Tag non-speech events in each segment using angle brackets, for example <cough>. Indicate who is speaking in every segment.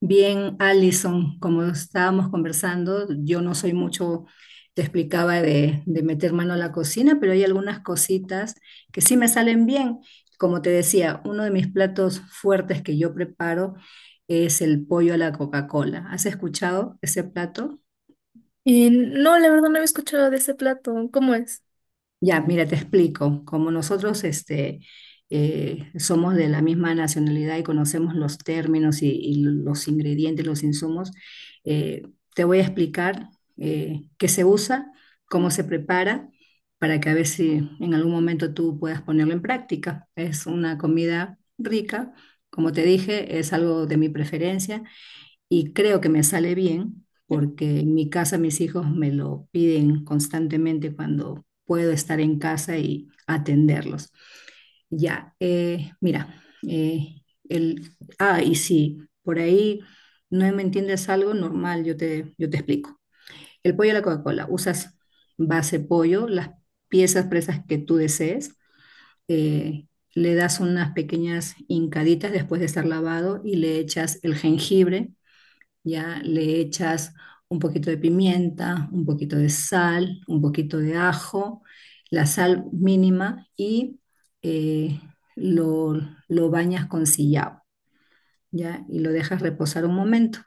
Speaker 1: Bien, Alison, como estábamos conversando, yo no soy mucho, te explicaba de meter mano a la cocina, pero hay algunas cositas que sí me salen bien. Como te decía, uno de mis platos fuertes que yo preparo es el pollo a la Coca-Cola. ¿Has escuchado ese plato?
Speaker 2: No, la verdad no había escuchado de ese plato. ¿Cómo es?
Speaker 1: Ya, mira, te explico. Como nosotros este, somos de la misma nacionalidad y conocemos los términos y los ingredientes, los insumos, eh, te voy a explicar qué se usa, cómo se prepara, para que a ver si en algún momento tú puedas ponerlo en práctica. Es una comida rica, como te dije, es algo de mi preferencia y creo que me sale bien porque en mi casa mis hijos me lo piden constantemente cuando puedo estar en casa y atenderlos. Ya, mira, eh, y si por ahí no me entiendes algo, normal, yo te explico. El pollo a la Coca-Cola, usas base pollo, las piezas presas que tú desees, eh, le das unas pequeñas hincaditas después de estar lavado y le echas el jengibre, ya le echas un poquito de pimienta, un poquito de sal, un poquito de ajo, la sal mínima y eh, lo, lo bañas con sillao, ya, y lo dejas reposar un momento.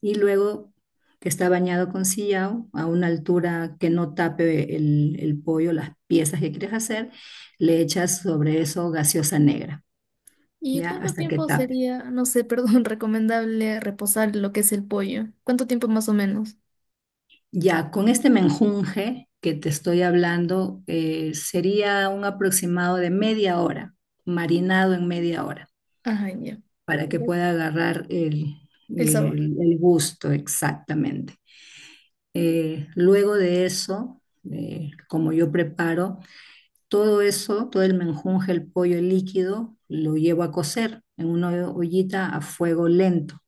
Speaker 1: Y luego que está bañado con sillao, a una altura que no tape el pollo, las piezas que quieres hacer, le echas sobre eso gaseosa negra,
Speaker 2: ¿Y
Speaker 1: ya,
Speaker 2: cuánto
Speaker 1: hasta que
Speaker 2: tiempo
Speaker 1: tape.
Speaker 2: sería, no sé, perdón, <laughs> recomendable reposar lo que es el pollo? ¿Cuánto tiempo más o menos?
Speaker 1: Ya, con este menjunje que te estoy hablando, sería un aproximado de media hora, marinado en media hora,
Speaker 2: Ajá, ya.
Speaker 1: para que
Speaker 2: Perfecto.
Speaker 1: pueda agarrar
Speaker 2: El sabor.
Speaker 1: el gusto exactamente. Luego de eso, como yo preparo, todo eso, todo el menjunje, el pollo líquido, lo llevo a cocer en una ollita a fuego lento.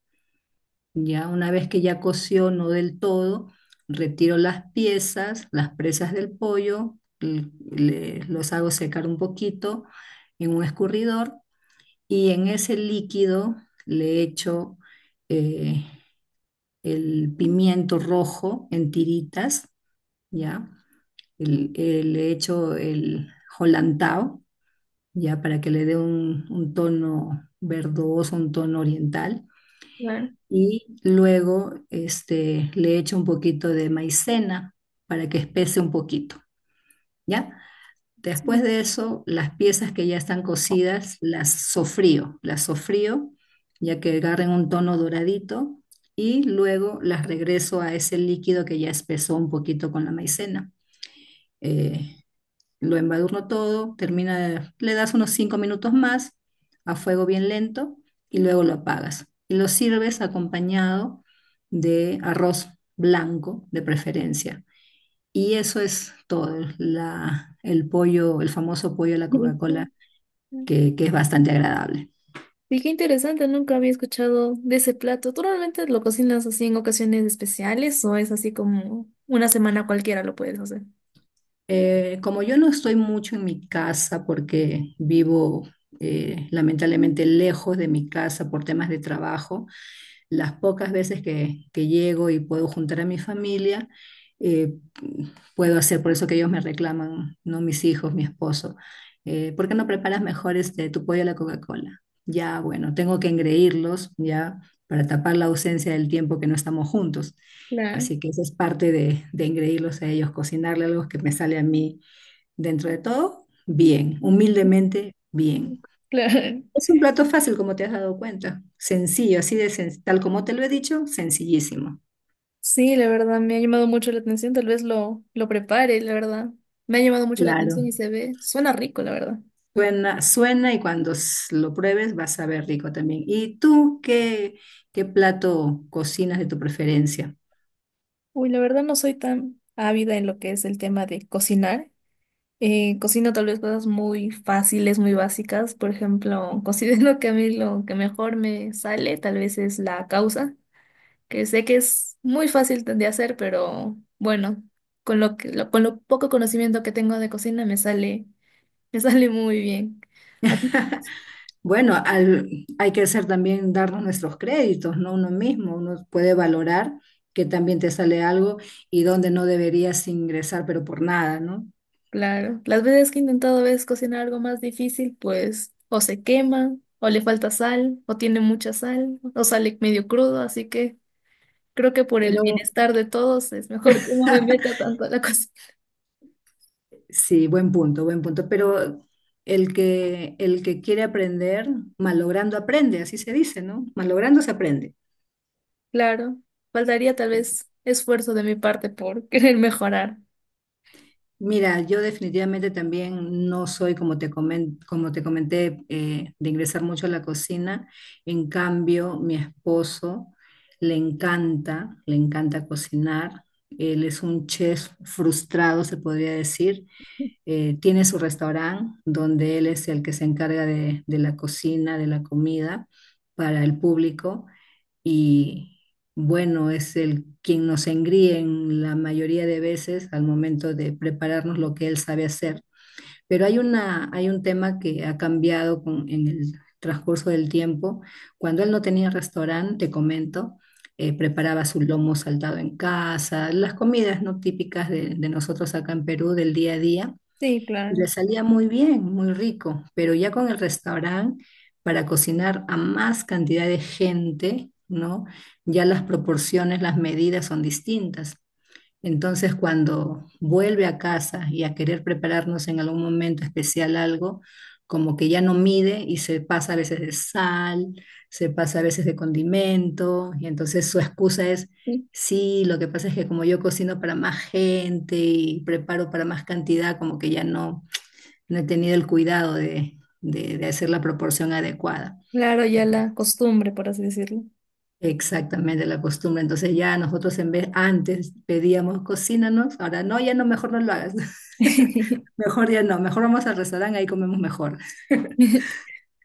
Speaker 1: Ya una vez que ya coció, no del todo, retiro las piezas, las presas del pollo, los hago secar un poquito en un escurridor y en ese líquido le echo eh, el pimiento rojo en tiritas, ¿ya? Le echo el holantao, ¿ya? Para que le dé un tono verdoso, un tono oriental,
Speaker 2: Claro.
Speaker 1: y luego este, le echo un poquito de maicena para que espese un poquito, ¿ya? Después
Speaker 2: Sí.
Speaker 1: de eso, las piezas que ya están cocidas las sofrío ya que agarren un tono doradito, y luego las regreso a ese líquido que ya espesó un poquito con la maicena. Eh, lo embadurno todo, termina, le das unos 5 minutos más a fuego bien lento y luego lo apagas. Y lo sirves acompañado de arroz blanco de preferencia. Y eso es todo, el pollo, el famoso pollo de la Coca-Cola,
Speaker 2: <laughs>
Speaker 1: que es bastante agradable.
Speaker 2: Y qué interesante, nunca había escuchado de ese plato. ¿Tú normalmente lo cocinas así en ocasiones especiales o es así como una semana cualquiera lo puedes hacer?
Speaker 1: Como yo no estoy mucho en mi casa porque vivo lamentablemente lejos de mi casa por temas de trabajo, las pocas veces que llego y puedo juntar a mi familia, eh, puedo hacer, por eso que ellos me reclaman, no mis hijos, mi esposo, ¿por qué no preparas mejor este, tu pollo a la Coca-Cola? Ya, bueno, tengo que engreírlos ya para tapar la ausencia del tiempo que no estamos juntos.
Speaker 2: Claro.
Speaker 1: Así que esa es parte de engreírlos a ellos, cocinarle algo que me sale a mí dentro de todo, bien, humildemente, bien.
Speaker 2: <laughs> Claro.
Speaker 1: Es un plato fácil, como te has dado cuenta. Sencillo, así de tal como te lo he dicho, sencillísimo.
Speaker 2: Sí, la verdad, me ha llamado mucho la atención, tal vez lo prepare, la verdad. Me ha llamado mucho la atención
Speaker 1: Claro.
Speaker 2: y se ve, suena rico, la verdad.
Speaker 1: Suena, suena y cuando lo pruebes vas a ver rico también. ¿Y tú qué, qué plato cocinas de tu preferencia?
Speaker 2: Uy, la verdad no soy tan ávida en lo que es el tema de cocinar. Cocino tal vez cosas muy fáciles, muy básicas. Por ejemplo, <laughs> considero que a mí lo que mejor me sale tal vez es la causa, que sé que es muy fácil de hacer, pero bueno, con lo que, con lo poco conocimiento que tengo de cocina me sale muy bien.
Speaker 1: Bueno, hay que hacer también darnos nuestros créditos, ¿no? Uno mismo, uno puede valorar que también te sale algo y donde no deberías ingresar, pero por nada, ¿no?
Speaker 2: Claro, las veces que he intentado a veces cocinar algo más difícil, pues o se quema, o le falta sal, o tiene mucha sal, o sale medio crudo, así que creo que por el
Speaker 1: Pero
Speaker 2: bienestar de todos es mejor que no me
Speaker 1: <laughs>
Speaker 2: meta tanto a la cocina. <laughs>
Speaker 1: sí, buen punto, buen punto. Pero el que quiere aprender, malogrando aprende, así se dice, ¿no? Malogrando se aprende.
Speaker 2: Claro, faltaría tal vez esfuerzo de mi parte por <laughs> querer mejorar.
Speaker 1: Mira, yo definitivamente también no soy, como como te comenté, de ingresar mucho a la cocina. En cambio, mi esposo le encanta cocinar. Él es un chef frustrado, se podría decir. Tiene su restaurante donde él es el que se encarga de la cocina, de la comida para el público, y bueno, es el quien nos engríe en la mayoría de veces al momento de prepararnos lo que él sabe hacer. Pero hay un tema que ha cambiado en el transcurso del tiempo. Cuando él no tenía restaurante, te comento, preparaba su lomo saltado en casa, las comidas no típicas de nosotros acá en Perú del día a día,
Speaker 2: Sí,
Speaker 1: y
Speaker 2: claro.
Speaker 1: le salía muy bien, muy rico, pero ya con el restaurante, para cocinar a más cantidad de gente, ¿no? Ya las proporciones, las medidas son distintas. Entonces, cuando vuelve a casa y a querer prepararnos en algún momento especial algo, como que ya no mide y se pasa a veces de sal, se pasa a veces de condimento, y entonces su excusa es... Sí, lo que pasa es que como yo cocino para más gente y preparo para más cantidad, como que no he tenido el cuidado de hacer la proporción adecuada.
Speaker 2: Claro, ya la costumbre, por así decirlo.
Speaker 1: Exactamente, la costumbre. Entonces ya nosotros en vez, antes pedíamos cocínanos, ahora no, ya no, mejor no lo hagas. <laughs>
Speaker 2: <laughs>
Speaker 1: Mejor ya no, mejor vamos al restaurante, ahí comemos mejor.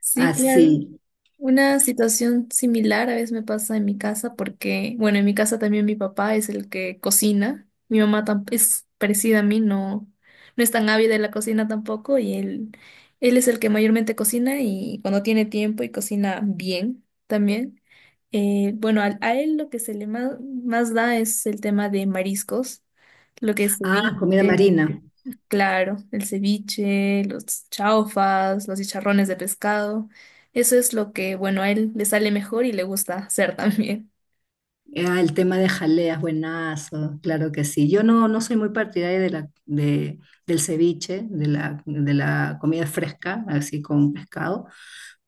Speaker 2: Sí, claro.
Speaker 1: Así.
Speaker 2: Una situación similar a veces me pasa en mi casa porque, bueno, en mi casa también mi papá es el que cocina. Mi mamá tam- es parecida a mí, no, no es tan ávida de la cocina tampoco y él es el que mayormente cocina y cuando tiene tiempo y cocina bien también. Bueno, él lo que se le más da es el tema de mariscos, lo que es
Speaker 1: Ah,
Speaker 2: ceviche.
Speaker 1: comida marina.
Speaker 2: Claro, el ceviche, los chaufas, los chicharrones de pescado. Eso es lo que, bueno, a él le sale mejor y le gusta hacer también.
Speaker 1: Ah, el tema de jaleas, buenazo, claro que sí. Yo no, no soy muy partidaria de del ceviche, de de la comida fresca, así con pescado,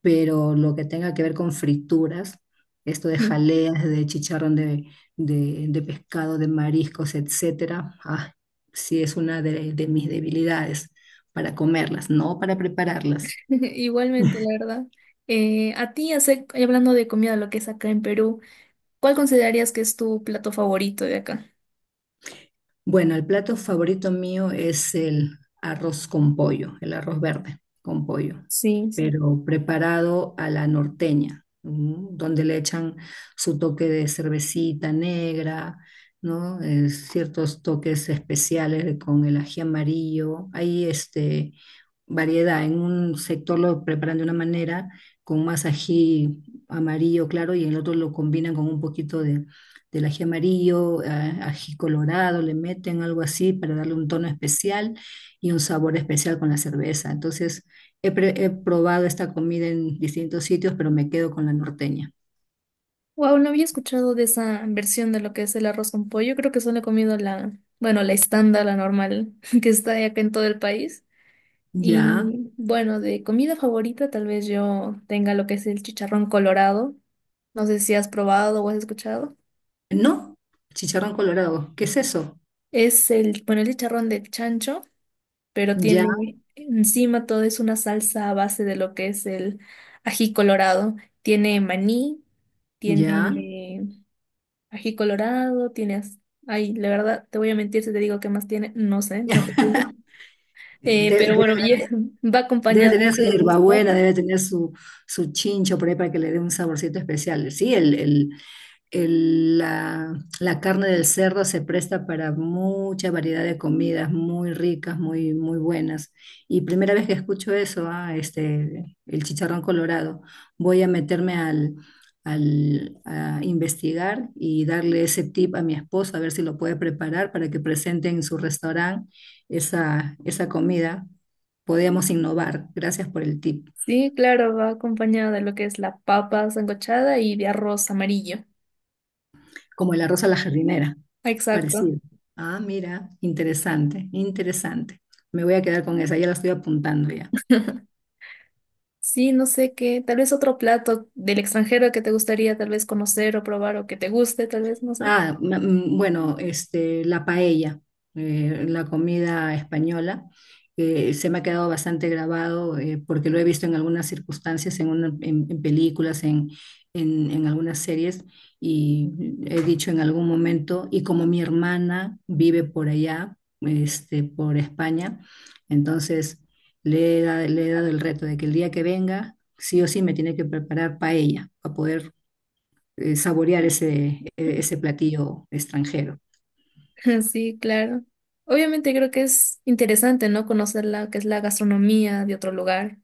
Speaker 1: pero lo que tenga que ver con frituras, esto de
Speaker 2: Mm.
Speaker 1: jaleas, de chicharrón de, de pescado, de mariscos, etcétera, ah, sí es una de mis debilidades para comerlas, no para prepararlas.
Speaker 2: <laughs> Igualmente, la verdad. A ti, hablando de comida, lo que es acá en Perú, ¿cuál considerarías que es tu plato favorito de acá?
Speaker 1: Bueno, el plato favorito mío es el arroz con pollo, el arroz verde con pollo,
Speaker 2: Sí, sí.
Speaker 1: pero preparado a la norteña, ¿no? Donde le echan su toque de cervecita negra, ¿no? Ciertos toques especiales con el ají amarillo. Hay este, variedad. En un sector lo preparan de una manera, con más ají amarillo claro, y en el otro lo combinan con un poquito del ají amarillo, ají colorado, le meten algo así para darle un tono especial y un sabor especial con la cerveza. Entonces, he probado esta comida en distintos sitios, pero me quedo con la norteña.
Speaker 2: Wow, no había escuchado de esa versión de lo que es el arroz con pollo. Creo que solo he comido la, bueno, la estándar, la normal, <laughs> que está acá en todo el país.
Speaker 1: Ya,
Speaker 2: Y bueno, de comida favorita tal vez yo tenga lo que es el chicharrón colorado. No sé si has probado o has escuchado.
Speaker 1: no, chicharrón colorado, ¿qué es eso?
Speaker 2: Es el, bueno, el chicharrón de chancho, pero
Speaker 1: Ya,
Speaker 2: tiene encima todo es una salsa a base de lo que es el ají colorado. Tiene maní,
Speaker 1: ya.
Speaker 2: tiene ají colorado, tienes... Ay, la verdad, te voy a mentir si te digo qué más tiene. No sé, no
Speaker 1: <laughs>
Speaker 2: cocino.
Speaker 1: Debe,
Speaker 2: Pero
Speaker 1: debe-
Speaker 2: bueno, y- <laughs> va
Speaker 1: Debe
Speaker 2: acompañado
Speaker 1: tener su
Speaker 2: de los.
Speaker 1: hierbabuena, debe tener su, su chincho por ahí para que le dé un saborcito especial. Sí, la carne del cerdo se presta para mucha variedad de comidas muy ricas, muy, muy buenas. Y primera vez que escucho eso, ah, este, el chicharrón colorado, voy a meterme a investigar y darle ese tip a mi esposo, a ver si lo puede preparar para que presente en su restaurante esa comida. Podíamos innovar. Gracias por el tip.
Speaker 2: Sí, claro, va acompañado de lo que es la papa sancochada y de arroz amarillo.
Speaker 1: Como el arroz a la jardinera,
Speaker 2: Exacto.
Speaker 1: parecido. Ah, mira, interesante, interesante. Me voy a quedar con esa, ya la estoy apuntando ya.
Speaker 2: Sí, no sé qué, tal vez otro plato del extranjero que te gustaría tal vez conocer o probar o que te guste, tal vez, no sé.
Speaker 1: Bueno, este, la paella, la comida española, se me ha quedado bastante grabado porque lo he visto en algunas circunstancias, en películas, en algunas series, y he dicho en algún momento, y como mi hermana vive por allá, este, por España, entonces le he dado el reto de que el día que venga, sí o sí me tiene que preparar paella para poder saborear ese, ese
Speaker 2: <laughs>
Speaker 1: platillo extranjero.
Speaker 2: Sí, claro. Obviamente creo que es interesante, ¿no? Conocer la que es la gastronomía de otro lugar.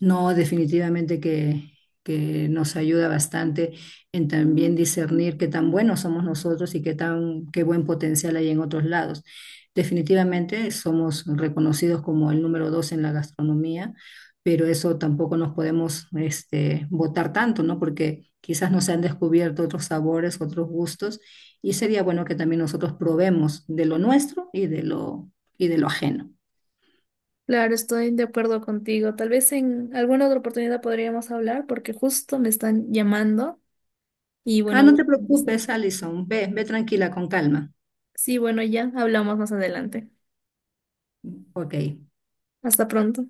Speaker 1: No, definitivamente que nos ayuda bastante en también discernir qué tan buenos somos nosotros y qué buen potencial hay en otros lados. Definitivamente somos reconocidos como el número 2 en la gastronomía, pero eso tampoco nos podemos este, botar tanto, ¿no? Porque quizás nos han descubierto otros sabores, otros gustos, y sería bueno que también nosotros probemos de lo nuestro y de y de lo ajeno.
Speaker 2: Claro, estoy de acuerdo contigo. Tal vez en alguna otra oportunidad podríamos hablar porque justo me están llamando y
Speaker 1: Ah,
Speaker 2: bueno,
Speaker 1: no
Speaker 2: voy
Speaker 1: te
Speaker 2: a contestar.
Speaker 1: preocupes, Alison. Ve, ve tranquila, con calma.
Speaker 2: Sí, bueno, ya hablamos más adelante.
Speaker 1: Ok.
Speaker 2: Hasta pronto.